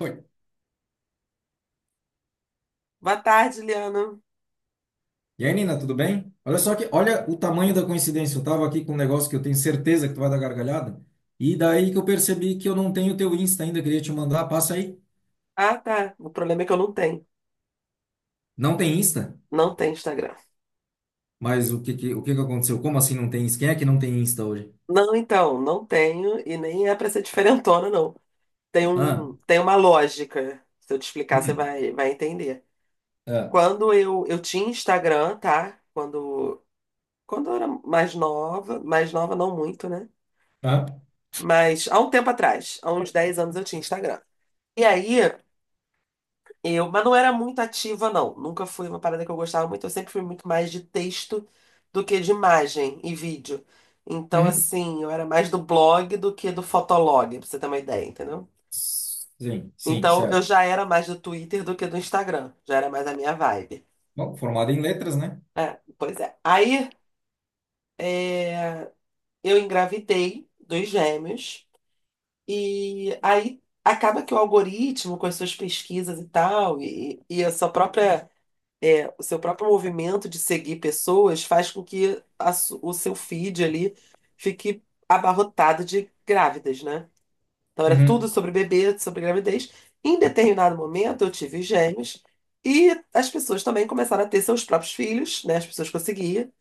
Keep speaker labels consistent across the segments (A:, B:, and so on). A: Oi.
B: Boa tarde, Liana.
A: E aí, Nina, tudo bem? Olha o tamanho da coincidência. Eu tava aqui com um negócio que eu tenho certeza que tu vai dar gargalhada. E daí que eu percebi que eu não tenho teu Insta ainda, queria te mandar, passa aí.
B: Ah, tá. O problema é que eu não tenho.
A: Não tem Insta?
B: Não tenho Instagram.
A: Mas o que que aconteceu? Como assim não tem Insta? Quem é que não tem Insta hoje?
B: Não, então, não tenho e nem é pra ser diferentona, não. Tem
A: Ah,
B: um, tem uma lógica. Se eu te explicar, você
A: hum,
B: vai entender.
A: ah,
B: Quando eu tinha Instagram, tá? Quando eu era mais nova não muito, né?
A: ah,
B: Mas há um tempo atrás, há uns 10 anos eu tinha Instagram. E aí, mas não era muito ativa, não. Nunca fui uma parada que eu gostava muito. Eu sempre fui muito mais de texto do que de imagem e vídeo. Então,
A: uhum.
B: assim, eu era mais do blog do que do fotolog, pra você ter uma ideia, entendeu?
A: Sim, sim,
B: Então, eu
A: certo.
B: já era mais do Twitter do que do Instagram. Já era mais a minha vibe.
A: Bom, formado em letras, né?
B: É, pois é. Aí, eu engravidei dos gêmeos. E aí, acaba que o algoritmo, com as suas pesquisas e tal, e a sua própria É, o seu próprio movimento de seguir pessoas faz com que o seu feed ali fique abarrotado de grávidas, né? Então era tudo
A: Uhum.
B: sobre bebê, sobre gravidez. Em determinado momento eu tive gêmeos e as pessoas também começaram a ter seus próprios filhos, né? As pessoas que eu seguia.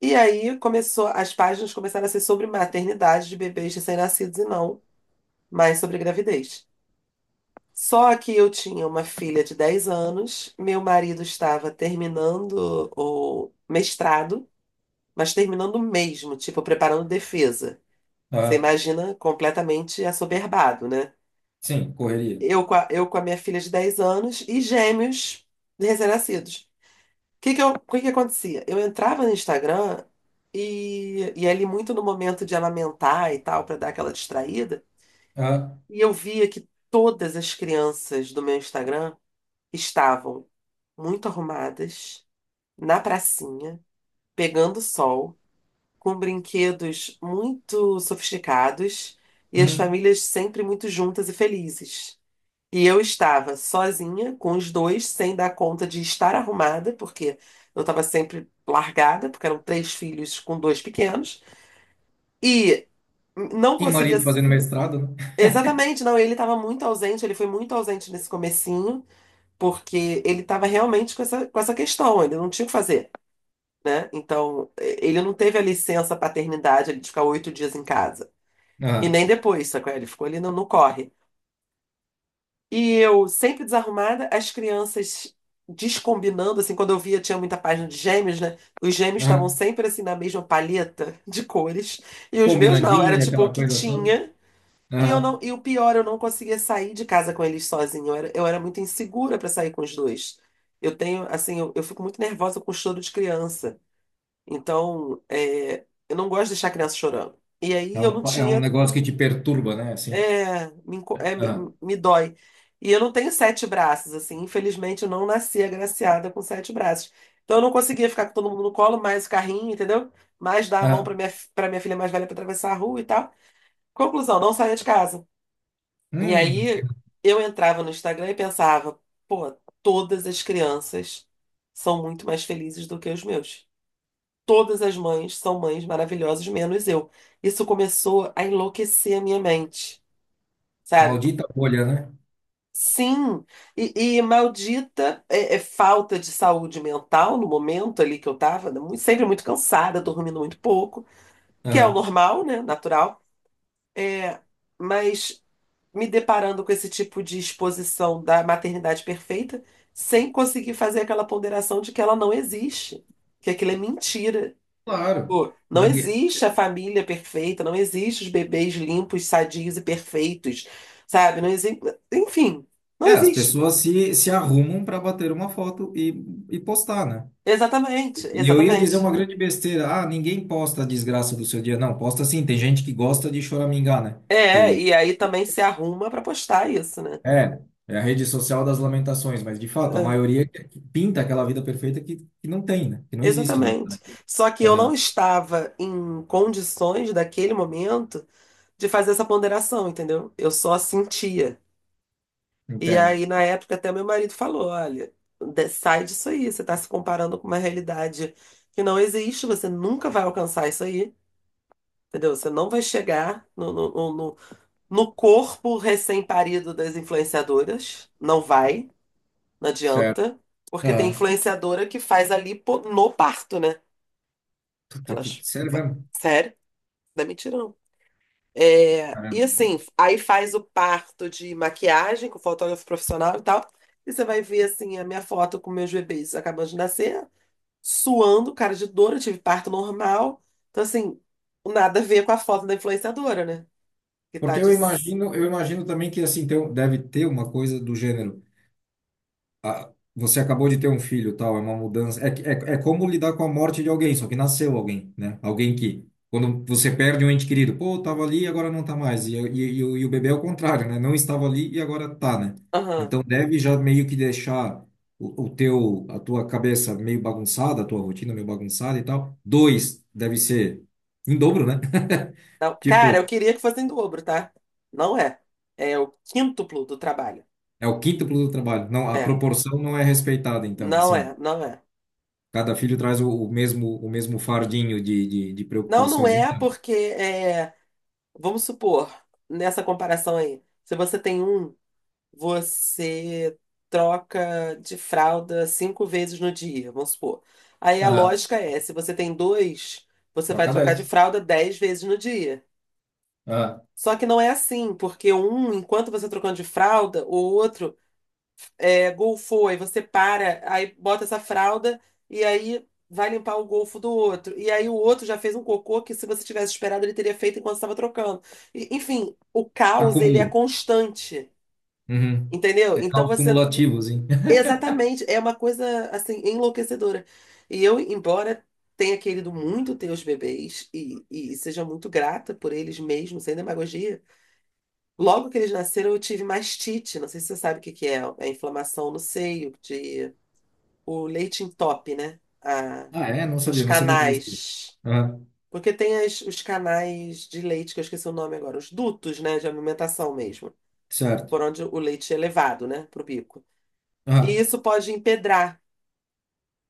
B: E aí as páginas começaram a ser sobre maternidade de bebês recém-nascidos e não mais sobre gravidez. Só que eu tinha uma filha de 10 anos, meu marido estava terminando o mestrado, mas terminando mesmo, tipo, preparando defesa. Você
A: Ah,
B: imagina completamente assoberbado, né?
A: sim, correria.
B: Eu com a minha filha de 10 anos e gêmeos recém-nascidos. O que que acontecia? Eu entrava no Instagram e, ali muito no momento de amamentar e tal, para dar aquela distraída,
A: Ah,
B: e eu via que todas as crianças do meu Instagram estavam muito arrumadas, na pracinha, pegando sol, com brinquedos muito sofisticados e as
A: uhum.
B: famílias sempre muito juntas e felizes. E eu estava sozinha, com os dois, sem dar conta de estar arrumada, porque eu estava sempre largada, porque eram três filhos com dois pequenos, e não
A: E
B: conseguia.
A: marido fazendo mestrado, né?
B: Exatamente, não, ele estava muito ausente, ele foi muito ausente nesse comecinho, porque ele estava realmente com essa questão, ele não tinha o que fazer, né? Então, ele não teve a licença paternidade ali de ficar 8 dias em casa. E
A: Ah,
B: nem depois, sacou? Ele ficou ali no corre. E eu, sempre desarrumada, as crianças descombinando, assim, quando eu via, tinha muita página de gêmeos, né? Os gêmeos estavam
A: ah,
B: sempre, assim, na mesma palheta de cores. E os meus não, era
A: combinandinha,
B: tipo o
A: aquela
B: que
A: coisa toda.
B: tinha. E eu não, e o pior, eu não conseguia sair de casa com eles sozinha. Eu era muito insegura para sair com os dois. Eu tenho, assim, eu fico muito nervosa com choro de criança. Então, eu não gosto de deixar a criança chorando. E aí eu
A: Não,
B: não
A: é um
B: tinha.
A: negócio que te perturba, né? Assim.
B: É, me, enco- é, me,
A: Ah,
B: me dói. E eu não tenho sete braços, assim. Infelizmente, eu não nasci agraciada com sete braços. Então, eu não conseguia ficar com todo mundo no colo, mais o carrinho, entendeu? Mais dar a mão para
A: ah.
B: minha, para minha filha mais velha para atravessar a rua e tal. Conclusão, não saía de casa. E
A: Hum,
B: aí eu entrava no Instagram e pensava: pô, todas as crianças são muito mais felizes do que os meus. Todas as mães são mães maravilhosas, menos eu. Isso começou a enlouquecer a minha mente, sabe?
A: maldita bolha, né?
B: Sim, e, maldita é falta de saúde mental no momento ali que eu tava, sempre muito cansada, dormindo muito pouco, que é o
A: Ah,
B: normal, né? Natural. É, mas me deparando com esse tipo de exposição da maternidade perfeita, sem conseguir fazer aquela ponderação de que ela não existe, que aquilo é mentira.
A: claro.
B: Pô, não
A: Ninguém...
B: existe a família perfeita, não existe os bebês limpos, sadios e perfeitos, sabe? Não existe, enfim, não
A: É, as
B: existe.
A: pessoas se arrumam para bater uma foto e postar, né?
B: Exatamente,
A: E eu ia
B: exatamente.
A: dizer uma grande besteira. Ah, ninguém posta a desgraça do seu dia. Não, posta sim. Tem gente que gosta de choramingar, né? Que
B: É,
A: o
B: e aí também se arruma para postar isso, né?
A: é, é a rede social das lamentações. Mas, de fato, a
B: É,
A: maioria que pinta aquela vida perfeita que não tem, né? Que não existe, na
B: exatamente.
A: verdade.
B: Só que eu não
A: Aham,
B: estava em condições daquele momento de fazer essa ponderação, entendeu? Eu só sentia. E
A: entendo.
B: aí, na época, até meu marido falou: olha, sai disso aí, você está se comparando com uma realidade que não existe, você nunca vai alcançar isso aí, entendeu? Você não vai chegar no corpo recém-parido das influenciadoras, não vai, não
A: Certo.
B: adianta, porque tem
A: Aham.
B: influenciadora que faz ali no parto, né?
A: Puta que...
B: Elas.
A: Sério mesmo?
B: Sério? Não é mentira, não. É, e
A: Caramba.
B: assim, aí faz o parto de maquiagem com fotógrafo profissional e tal. E você vai ver assim a minha foto com meus bebês acabando de nascer, suando, cara de dor, eu tive parto normal. Então assim, nada a ver com a foto da influenciadora, né? Que tá
A: Porque
B: de
A: eu imagino também que assim tem, um, deve ter uma coisa do gênero. Ah, você acabou de ter um filho, tal, é uma mudança. É, é, é como lidar com a morte de alguém, só que nasceu alguém, né? Alguém que, quando você perde um ente querido, pô, tava ali e agora não tá mais. E o bebê é o contrário, né? Não estava ali e agora tá, né?
B: Aham.
A: Então deve já meio que deixar o teu, a tua cabeça meio bagunçada, a tua rotina meio bagunçada e tal. Dois, deve ser em dobro, né?
B: Não,
A: Tipo,
B: Cara, eu queria que fosse em dobro, tá? Não é. É o quíntuplo do trabalho.
A: é o quíntuplo do trabalho. Não, a
B: É.
A: proporção não é respeitada, então,
B: Não
A: assim.
B: é, não é.
A: Cada filho traz o mesmo o mesmo fardinho de
B: Não, não
A: preocupações,
B: é
A: então.
B: porque é, vamos supor, nessa comparação aí, se você tem um, você troca de fralda 5 vezes no dia, vamos supor. Aí a
A: Aham,
B: lógica é, se você tem dois, você vai
A: troca
B: trocar de
A: dessa.
B: fralda 10 vezes no dia.
A: Aham.
B: Só que não é assim, porque um, enquanto você trocando de fralda, o outro golfou, aí você para, aí bota essa fralda e aí vai limpar o golfo do outro. E aí o outro já fez um cocô que se você tivesse esperado ele teria feito enquanto estava trocando. E, enfim, o caos ele é
A: Acumula.
B: constante.
A: Uhum.
B: Entendeu?
A: É
B: Então
A: caos
B: você
A: cumulativos, hein?
B: Exatamente, é uma coisa assim enlouquecedora. E eu, embora tenha querido muito ter os bebês e, seja muito grata por eles mesmo, sem demagogia, logo que eles nasceram eu tive mastite. Não sei se você sabe o que que é inflamação no seio, de o leite entope, né?
A: Ah, é?
B: Os
A: Não sabia que existia.
B: canais.
A: Aham.
B: Porque tem os canais de leite, que eu esqueci o nome agora, os dutos, né, de alimentação mesmo,
A: Certo.
B: por onde o leite é levado, né, pro bico. E
A: Aham.
B: isso pode empedrar.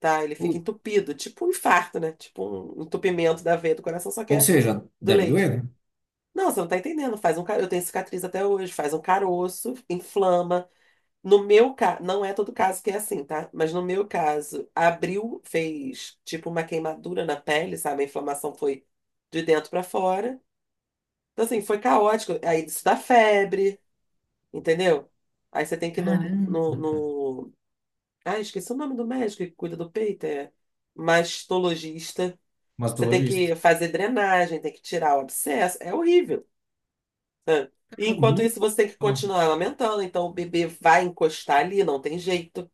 B: Tá? Ele fica
A: Ui.
B: entupido, tipo um infarto, né? Tipo um entupimento da veia do coração, só que
A: Ou
B: é
A: seja,
B: do
A: deve doer,
B: leite.
A: né?
B: Não, você não tá entendendo. Eu tenho cicatriz até hoje, faz um caroço, inflama. No meu caso, não é todo caso que é assim, tá? Mas no meu caso, abriu, fez tipo uma queimadura na pele, sabe? A inflamação foi de dentro pra fora. Então, assim, foi caótico. Aí isso dá febre, entendeu? Aí você tem que ir no, no,
A: Caramba, cara.
B: no... Ah, esqueci o nome do médico que cuida do peito, é mastologista. Você tem
A: Mastologista.
B: que fazer drenagem, tem que tirar o abscesso. É horrível. Sabe? E
A: Eu
B: enquanto
A: nunca
B: isso,
A: ouvi
B: você tem que
A: falar.
B: continuar amamentando. Então, o bebê vai encostar ali, não tem jeito.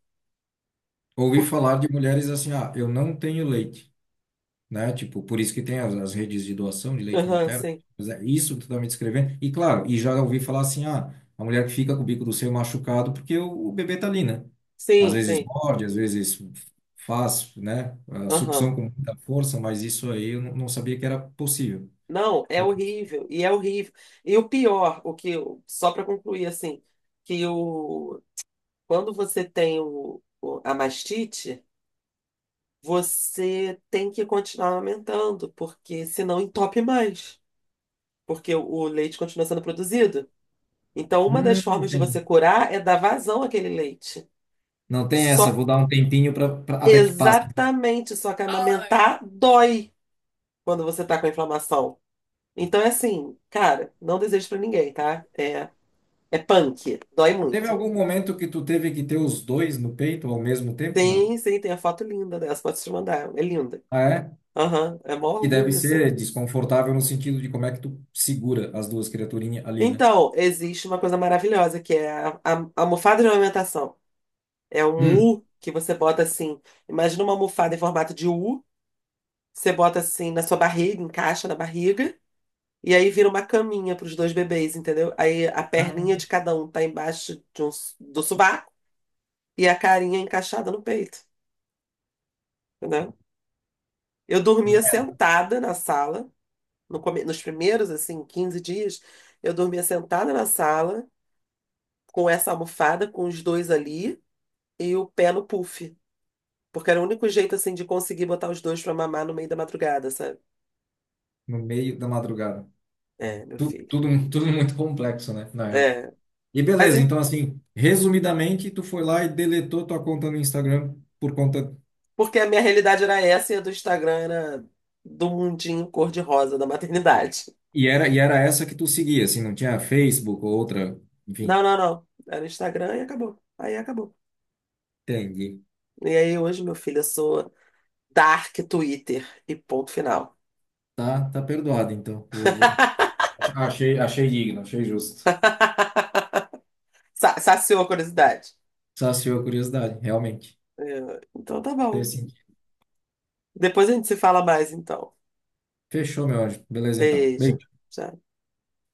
A: Ouvi falar de mulheres assim, ah, eu não tenho leite. Né? Tipo, por isso que tem as redes de doação de leite
B: Aham,
A: materno.
B: sim.
A: Mas é isso que tu tá me descrevendo. E claro, e já ouvi falar assim, ah, a mulher que fica com o bico do seio machucado porque o bebê tá ali, né? Às
B: Sim,
A: vezes
B: sim.
A: morde, às vezes faz, né? A
B: Aham.
A: sucção com muita força, mas isso aí eu não sabia que era possível.
B: Não, é
A: Eu-
B: horrível. E é horrível. E o pior, só para concluir, assim, que o, quando você tem a mastite, você tem que continuar amamentando, porque senão entope mais. Porque o leite continua sendo produzido. Então, uma das
A: hum,
B: formas de você
A: tem.
B: curar é dar vazão àquele leite.
A: Não tem essa,
B: Só
A: vou dar um tempinho até que passe.
B: Exatamente, só que amamentar dói quando você tá com a inflamação. Então é assim, cara, não desejo pra ninguém, tá? É punk, dói
A: Teve
B: muito.
A: algum momento que tu teve que ter os dois no peito ao mesmo tempo? Não.
B: Sim, sim, tem a foto linda dessa, posso te mandar, é linda.
A: Ah, é?
B: Aham, é mó
A: Que deve
B: orgulho, assim.
A: ser desconfortável no sentido de como é que tu segura as duas criaturinhas ali, né?
B: Então, existe uma coisa maravilhosa que é a almofada de amamentação. É um
A: Hum.
B: U que você bota assim, imagina uma almofada em formato de U. Você bota assim na sua barriga, encaixa na barriga, e aí vira uma caminha para os dois bebês, entendeu? Aí a
A: Ah,
B: perninha de cada um tá embaixo de do sovaco e a carinha encaixada no peito, entendeu? Eu dormia
A: é,
B: sentada na sala, no come- nos primeiros, assim, 15 dias, eu dormia sentada na sala, com essa almofada, com os dois ali, e o pé no puff. Porque era o único jeito, assim, de conseguir botar os dois pra mamar no meio da madrugada, sabe?
A: no meio da madrugada.
B: É, meu filho.
A: Tudo, tudo muito complexo, né? Na real.
B: É.
A: E
B: Mas
A: beleza, então assim, resumidamente, tu foi lá e deletou tua conta no Instagram por conta.
B: Porque a minha realidade era essa e a do Instagram era do mundinho cor-de-rosa da maternidade.
A: E era essa que tu seguia, assim, não tinha Facebook ou outra.
B: Não,
A: Enfim,
B: não, não. Era Instagram e acabou. Aí acabou.
A: entendi.
B: E aí hoje, meu filho, eu sou Dark Twitter e ponto final.
A: Tá, tá perdoado, então. Achei, achei digno, achei justo.
B: Saciou a curiosidade.
A: Saciou a curiosidade, realmente.
B: É. Então tá
A: Fez
B: bom.
A: sentido.
B: Depois a gente se fala mais, então.
A: Fechou, meu anjo. Beleza, então.
B: Beijo.
A: Beijo.
B: Tchau.